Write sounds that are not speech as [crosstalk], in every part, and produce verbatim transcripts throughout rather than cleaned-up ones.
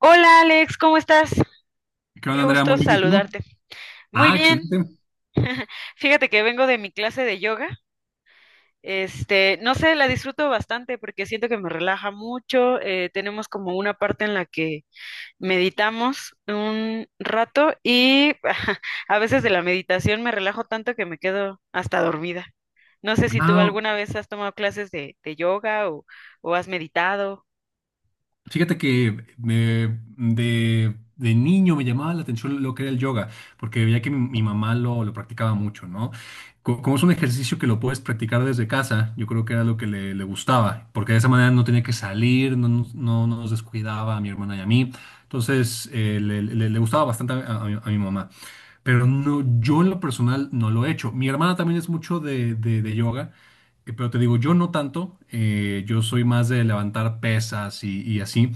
Hola Alex, ¿cómo estás? ¿Qué onda, Qué Andrea? gusto Muy bien, ¿y tú? saludarte. Muy Ah, bien. excelente. [laughs] Fíjate que vengo de mi clase de yoga. Este, no sé, la disfruto bastante porque siento que me relaja mucho. Eh, tenemos como una parte en la que meditamos un rato y [laughs] a veces de la meditación me relajo tanto que me quedo hasta dormida. No sé si tú Ah, alguna vez has tomado clases de, de yoga o o has meditado. fíjate que me- de, de niño me llamaba la atención lo que era el yoga, porque veía que mi, mi mamá lo, lo practicaba mucho, ¿no? Co- Como es un ejercicio que lo puedes practicar desde casa, yo creo que era lo que le, le gustaba, porque de esa manera no tenía que salir, no, nos no- no nos descuidaba a mi hermana y a mí. Entonces, eh, le, le- le gustaba bastante a a mi a mi mamá. Pero no, yo en lo personal no lo he hecho. Mi hermana también es mucho de, de- de yoga. Eh, Pero te digo, yo no tanto, eh, yo soy más de levantar pesas y, y así,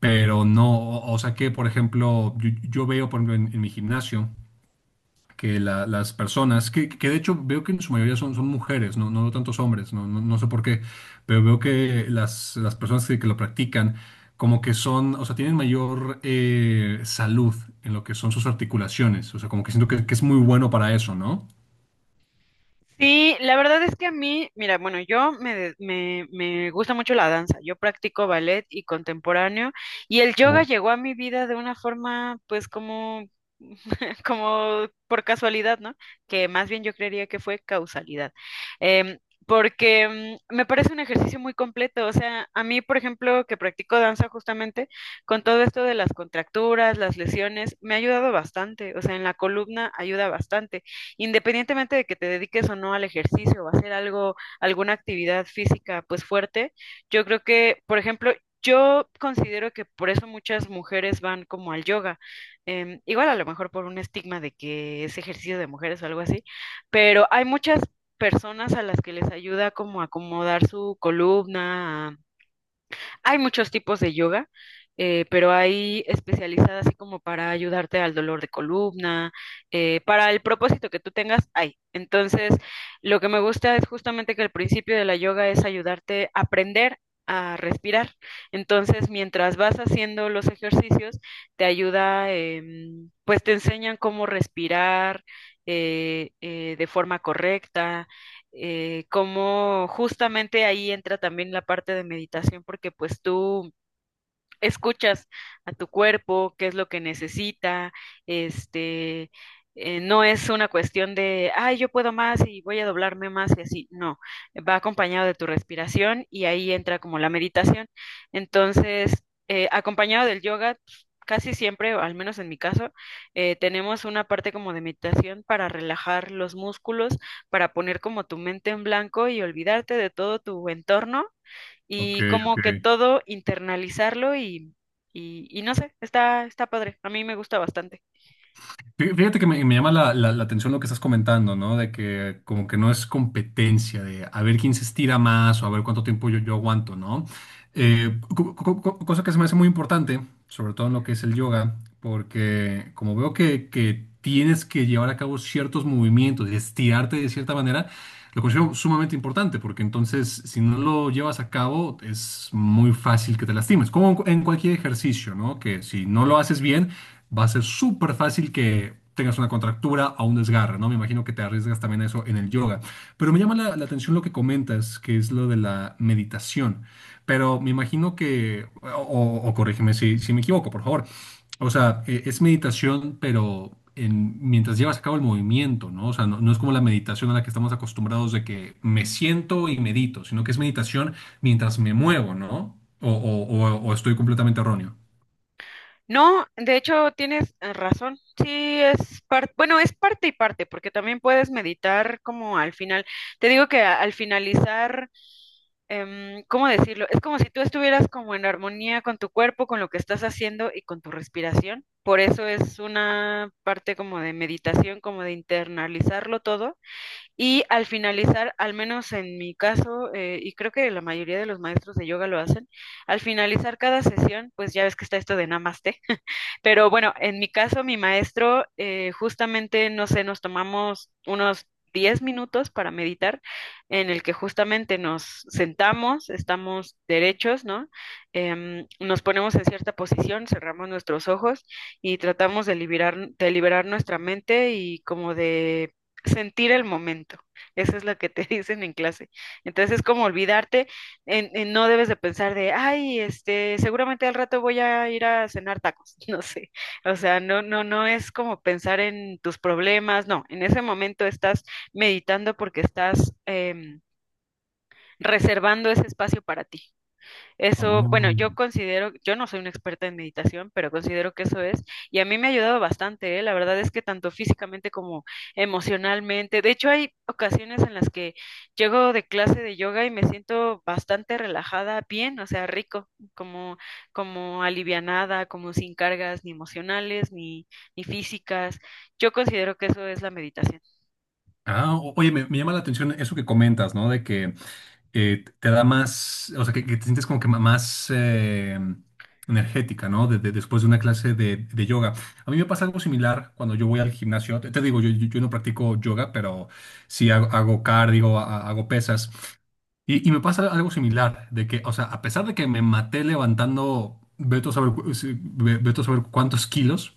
pero no, o, o sea que, por ejemplo, yo, yo veo, por ejemplo, en, en mi gimnasio que la- las personas, que, que de hecho veo que en su mayoría son, son mujeres, no, no veo tantos hombres, no, no, no sé por qué, pero veo que las, las personas que, que lo practican, como que son, o sea, tienen mayor eh, salud en lo que son sus articulaciones, o sea, como que siento que, que es muy bueno para eso, ¿no? Sí, la verdad es que a mí, mira, bueno, yo me, de- me, me gusta mucho la danza, yo practico ballet y contemporáneo y el yoga Wow. llegó a mi vida de una forma pues como, [laughs] como por casualidad, ¿no? Que más bien yo creería que fue causalidad. Em, Porque mm, me parece un ejercicio muy completo, o sea, a mí, por ejemplo, que practico danza justamente, con todo esto de las contracturas, las lesiones, me ha ayudado bastante, o sea, en la columna ayuda bastante independientemente de que te dediques o no al ejercicio o a hacer algo, alguna actividad física pues fuerte, yo creo que, por ejemplo, yo considero que por eso muchas mujeres van como al yoga, em, igual a lo mejor por un estigma de que es ejercicio de mujeres o algo así, pero hay muchas personas a las que les ayuda como a acomodar su columna, hay muchos tipos de yoga, eh, pero hay especializadas así como para ayudarte al dolor de columna, eh, para el propósito que tú tengas, hay. Entonces, lo que me gusta es justamente que el principio de la yoga es ayudarte a aprender a respirar. Entonces, mientras vas haciendo los ejercicios, te ayuda, em, pues te enseñan cómo respirar eh, eh, de forma correcta, eh, cómo justamente ahí entra también la parte de meditación, porque pues tú escuchas a tu cuerpo, qué es lo que necesita, este, eh, no es una cuestión de, ay, yo puedo más y voy a doblarme más y así, no, va acompañado de tu respiración y ahí entra como la meditación. Entonces, eh, acompañado del yoga, pues, casi siempre, o al menos en mi caso, eh, tenemos una parte como de meditación para relajar los músculos, para poner como tu mente en blanco y olvidarte de todo tu entorno Ok, y ok. como que todo internalizarlo y, y, y no sé, está, está padre, a mí me gusta bastante. Fí- Fíjate que me, me llama la, la- la atención lo que estás comentando, ¿no? De que como que no es competencia, de a ver quién se estira más o a ver cuánto tiempo yo, yo aguanto, ¿no? Eh, co- co- co- cosa que se me hace muy importante, sobre todo en lo que es el yoga, porque como veo que, que tienes que llevar a cabo ciertos movimientos y estirarte de cierta manera, lo considero sumamente importante porque entonces si no lo llevas a cabo es muy fácil que te lastimes, como en cu- en cualquier ejercicio, ¿no? Que si no lo haces bien va a ser súper fácil que tengas una contractura o un desgarre, ¿no? Me imagino que te arriesgas también a eso en el yoga. Pero me llama la, la atención lo que comentas, que es lo de la meditación. Pero me imagino que, o, o- o corrígeme si, si me equivoco, por favor, o sea, e- es meditación, pero en, mientras llevas a cabo el movimiento, ¿no? O sea, no, no es como la meditación a la que estamos acostumbrados de que me siento y medito, sino que es meditación mientras me muevo, ¿no? O, o- o- o estoy completamente erróneo. No, de hecho tienes eh, razón, sí es parte, bueno, es parte y parte, porque también puedes meditar como al final, te digo que a- al finalizar, em, ¿cómo decirlo? Es como si tú estuvieras como en armonía con tu cuerpo, con lo que estás haciendo y con tu respiración, por eso es una parte como de meditación, como de internalizarlo todo. Y al finalizar, al menos en mi caso, eh, y creo que la mayoría de los maestros de yoga lo hacen, al finalizar cada sesión, pues ya ves que está esto de namaste. Pero bueno, en mi caso, mi maestro, eh, justamente, no sé, nos tomamos unos diez minutos para meditar, en el que justamente nos sentamos, estamos derechos, ¿no? Em, nos ponemos en cierta posición, cerramos nuestros ojos y tratamos de liberar, de liberar nuestra mente y como de sentir el momento. Eso es lo que te [laughs] dicen en clase. Entonces es como olvidarte en- en no debes de pensar de, ay, este, seguramente al rato voy a ir a cenar tacos, [laughs] no sé. O sea, no, no, no es como pensar en tus problemas, no. En ese momento estás meditando porque estás em, reservando ese espacio para ti. Eso, bueno, yo Oh. considero, yo no soy una experta en meditación, pero considero que eso es, y a mí me ha ayudado bastante, ¿eh? La verdad es que tanto físicamente como emocionalmente, de hecho hay ocasiones en las que llego de clase de yoga y me siento bastante relajada, bien, o sea, rico, como, como alivianada, como sin cargas ni emocionales ni, ni físicas. Yo considero que eso es la meditación. Ah, o- oye, me, me llama la atención eso que comentas, ¿no? De que eh, te da más, o sea, que, que te sientes como que ma- más eh, energética, ¿no? De- de- después de una clase de, de yoga. A mí me pasa algo similar cuando yo voy al gimnasio. Te, te digo, yo, yo, yo no practico yoga, pero sí hago, hago cardio, ha- hago pesas. Y, y me pasa algo similar, de que, o sea, a pesar de que me maté levantando, veto a saber, cu- sí, ve- vete a saber cuántos kilos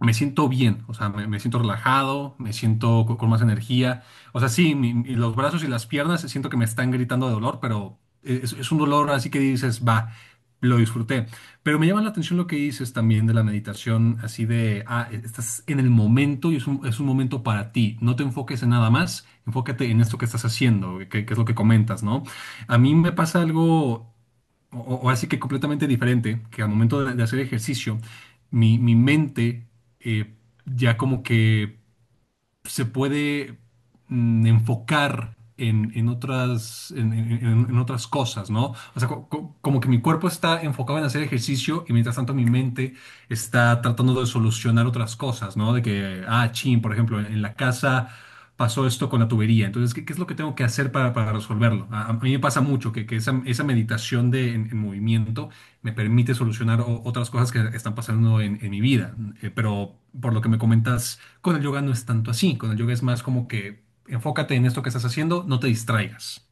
me siento bien, o sea, me, me siento relajado, me siento co- con, más energía. O sea, sí, mi- mi- los brazos y las piernas siento que me están gritando de dolor, pero es, es un dolor así que dices, va, lo disfruté. Pero me llama la atención lo que dices también de la meditación, así de, ah, estás en el momento y es un, es un momento para ti. No te enfoques en nada más, enfócate en esto que estás haciendo, que, que es lo que comentas, ¿no? A mí me pasa algo. O, o así que completamente diferente, que al momento de de hacer ejercicio, mi, mi mente eh, ya como que se puede mm, enfocar en, en otras, en, en- en- en otras cosas, ¿no? O sea, co- co- como que mi cuerpo está enfocado en hacer ejercicio y mientras tanto mi mente está tratando de solucionar otras cosas, ¿no? De que, ah, chin, por ejemplo, en, en la casa pasó esto con la tubería, entonces, ¿qué, qué es lo que tengo que hacer para, para resolverlo? A, a mí me pasa mucho que, que esa, esa meditación de, en en movimiento me permite solucionar o- otras cosas que están pasando en, en mi vida. Eh, pero por lo que me comentas, con el yoga no es tanto así. Con el yoga es más como que enfócate en esto que estás haciendo, no te distraigas.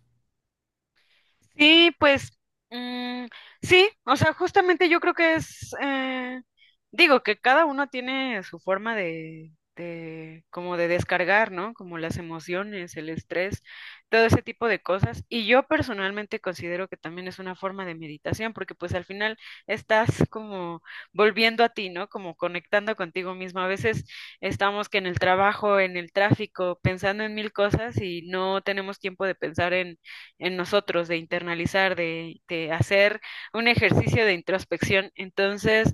Sí, pues mm, sí, o sea, justamente yo creo que es, eh, digo que cada uno tiene su forma de, de, como de descargar, ¿no? Como las emociones, el estrés, todo ese tipo de cosas. Y yo personalmente considero que también es una forma de meditación, porque pues al final estás como volviendo a ti, ¿no? Como conectando contigo mismo. A veces estamos que en el trabajo, en el tráfico, pensando en mil cosas y no tenemos tiempo de pensar en en nosotros, de internalizar, de, de hacer un ejercicio de introspección. Entonces,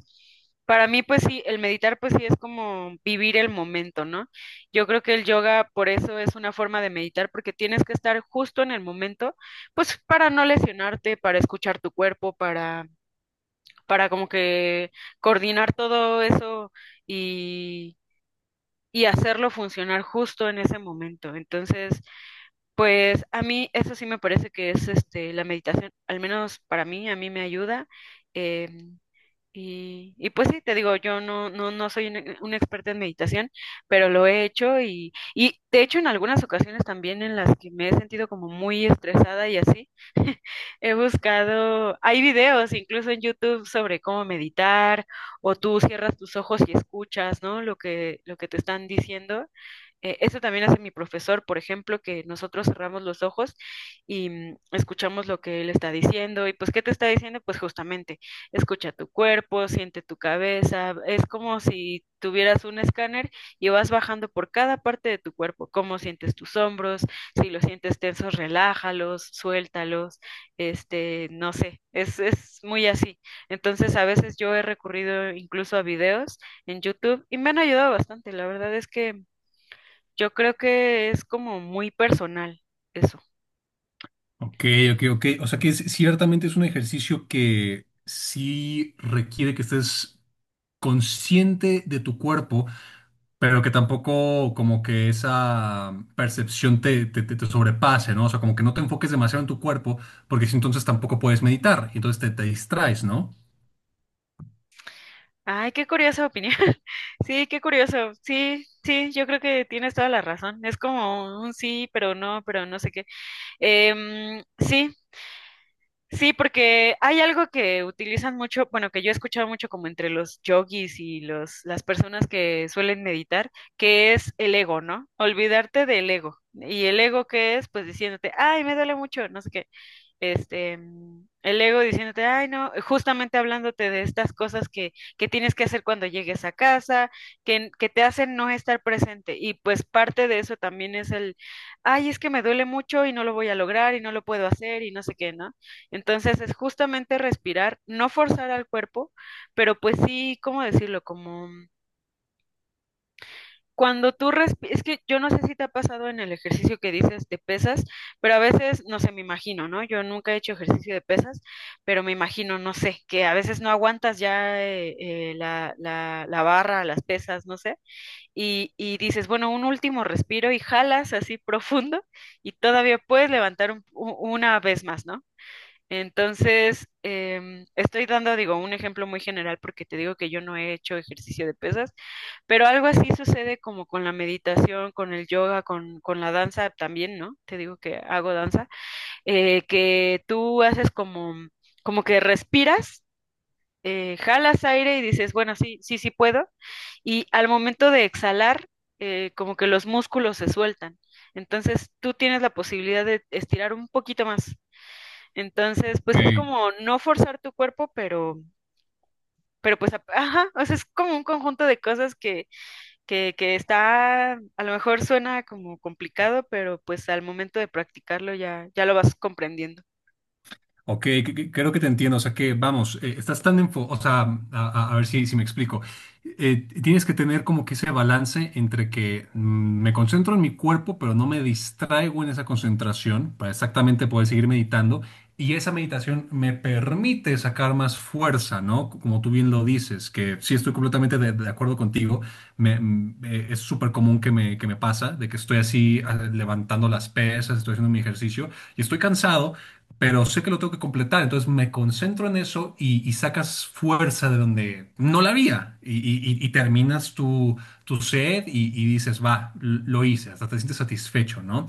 para mí, pues sí, el meditar, pues sí, es como vivir el momento, ¿no? Yo creo que el yoga, por eso es una forma de meditar, porque tienes que estar justo en el momento, pues para no lesionarte, para escuchar tu cuerpo, para, para como que coordinar todo eso y, y hacerlo funcionar justo en ese momento. Entonces, pues a mí eso sí me parece que es este la meditación, al menos para mí, a mí me ayuda. em, y, y pues sí, te digo, yo no, no, no soy una, una experta en meditación, pero lo he hecho y, y de hecho en algunas ocasiones también en las que me he sentido como muy estresada y así, he buscado, hay videos incluso en YouTube sobre cómo meditar, o tú cierras tus ojos y escuchas, ¿no? Lo que, lo que te están diciendo. Eh, eso también hace mi profesor, por ejemplo, que nosotros cerramos los ojos y mm, escuchamos lo que él está diciendo. ¿Y pues qué te está diciendo? Pues justamente, escucha tu cuerpo, siente tu cabeza. Es como si tuvieras un escáner y vas bajando por cada parte de tu cuerpo. ¿Cómo sientes tus hombros? Si los sientes tensos, relájalos, suéltalos, este, no sé, es, es muy así. Entonces, a veces yo he recurrido incluso a videos en YouTube y me han ayudado bastante. La verdad es que yo creo que es como muy personal eso. Ok, ok, ok. O sea que es- ciertamente es un ejercicio que sí requiere que estés consciente de tu cuerpo, pero que tampoco como que esa percepción te, te, te- te sobrepase, ¿no? O sea, como que no te enfoques demasiado en tu cuerpo, porque si entonces tampoco puedes meditar, y entonces te, te distraes, ¿no? Ay, qué curiosa opinión. [laughs] Sí, qué curioso. Sí, sí, yo creo que tienes toda la razón. Es como un sí, pero no, pero no sé qué. Em, sí, sí, porque hay algo que utilizan mucho, bueno, que yo he escuchado mucho como entre los yogis y los, las personas que suelen meditar, que es el ego, ¿no? Olvidarte del ego. ¿Y el ego qué es? Pues diciéndote, ay, me duele mucho, no sé qué, este, mm, el ego diciéndote, ay, no, justamente hablándote de estas cosas que, que tienes que hacer cuando llegues a casa, que, que te hacen no estar presente. Y pues parte de eso también es el, ay, es que me duele mucho y no lo voy a lograr y no lo puedo hacer y no sé qué, ¿no? Entonces es justamente respirar, no forzar al cuerpo, pero pues sí, ¿cómo decirlo? Como mm, cuando tú respiras, es que yo no sé si te ha pasado en el ejercicio que dices de pesas, pero a veces, no sé, me imagino, ¿no? Yo nunca he hecho ejercicio de pesas, pero me imagino, no sé, que a veces no aguantas ya eh, eh, la, la, la barra, las pesas, no sé, y, y dices, bueno, un último respiro y jalas así profundo y todavía puedes levantar un- u- una vez más, ¿no? Entonces, em, estoy dando, digo, un ejemplo muy general porque te digo que yo no he hecho ejercicio de pesas, pero algo así sucede como con la meditación, con el yoga, con, con la danza también, ¿no? Te digo que hago danza, eh, que tú haces como, como que respiras, eh, jalas aire y dices, bueno, sí, sí, sí puedo. Y al momento de exhalar, eh, como que los músculos se sueltan. Entonces tú tienes la posibilidad de estirar un poquito más. Entonces, pues sí es Ey, como no forzar tu cuerpo, pero, pero pues, ap- ajá, o sea, es como un conjunto de cosas que, que está, a lo mejor suena como complicado, pero pues al momento de practicarlo ya, ya lo vas comprendiendo. ok, que- que- creo que te entiendo. O sea que, vamos, eh, estás tan enfo, o sea, a, a- a ver si, si me explico. Eh, tienes que tener como que ese balance entre que mm, me concentro en mi cuerpo, pero no me distraigo en esa concentración para exactamente poder seguir meditando. Y esa meditación me permite sacar más fuerza, ¿no? Como tú bien lo dices, que sí estoy completamente de, de acuerdo contigo. Me, mm, eh, es súper común que me, que me pasa, de que estoy así ah, levantando las pesas, estoy haciendo mi ejercicio y estoy cansado, pero sé que lo tengo que completar, entonces me concentro en eso y, y sacas fuerza de donde no la había y, y- y- y terminas tu, tu set y, y dices, va, l- lo hice, hasta te sientes satisfecho, ¿no?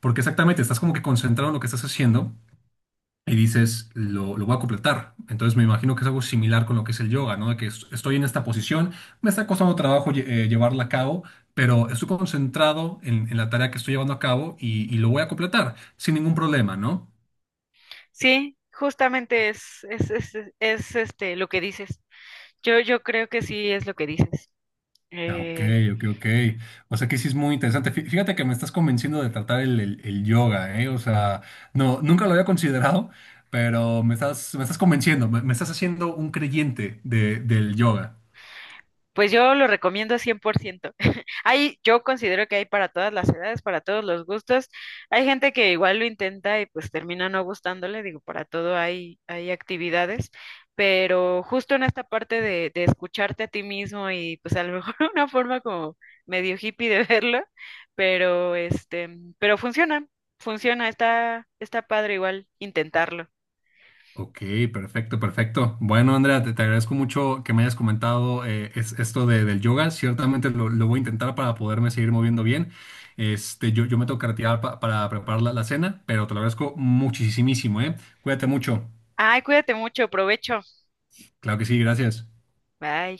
Porque exactamente, estás como que concentrado en lo que estás haciendo y dices, lo, lo voy a completar. Entonces me imagino que es algo similar con lo que es el yoga, ¿no? De que es- estoy en esta posición, me está costando trabajo lle- eh, llevarla a cabo, pero estoy concentrado en, en la tarea que estoy llevando a cabo y, y lo voy a completar sin ningún problema, ¿no? Sí, justamente es, es, es, es, este lo que dices. Yo, yo creo que sí es lo que dices. Ah, ok, Eh, ok, ok. O sea que sí es muy interesante. Fí- Fíjate que me estás convenciendo de tratar el, el- el yoga, ¿eh? O sea, no, nunca lo había considerado, pero me estás, me estás convenciendo, me, me estás haciendo un creyente de- del yoga. Pues yo lo recomiendo cien por ciento. [laughs] Hay, yo considero que hay para todas las edades, para todos los gustos. Hay gente que igual lo intenta y pues termina no gustándole, digo, para todo hay, hay actividades, pero justo en esta parte de, de escucharte a ti mismo y pues a lo mejor [laughs] una forma como medio hippie de verlo, pero este, pero funciona, funciona, está, está padre igual intentarlo. Ok, perfecto, perfecto. Bueno, Andrea, te, te agradezco mucho que me hayas comentado eh, es- esto de- del yoga. Ciertamente lo, lo voy a intentar para poderme seguir moviendo bien. Este, yo, yo me tengo que retirar pa- para preparar la, la cena, pero te lo agradezco muchísimo, ¿eh? Cuídate mucho. Ay, cuídate mucho, provecho. Claro que sí, gracias. Bye.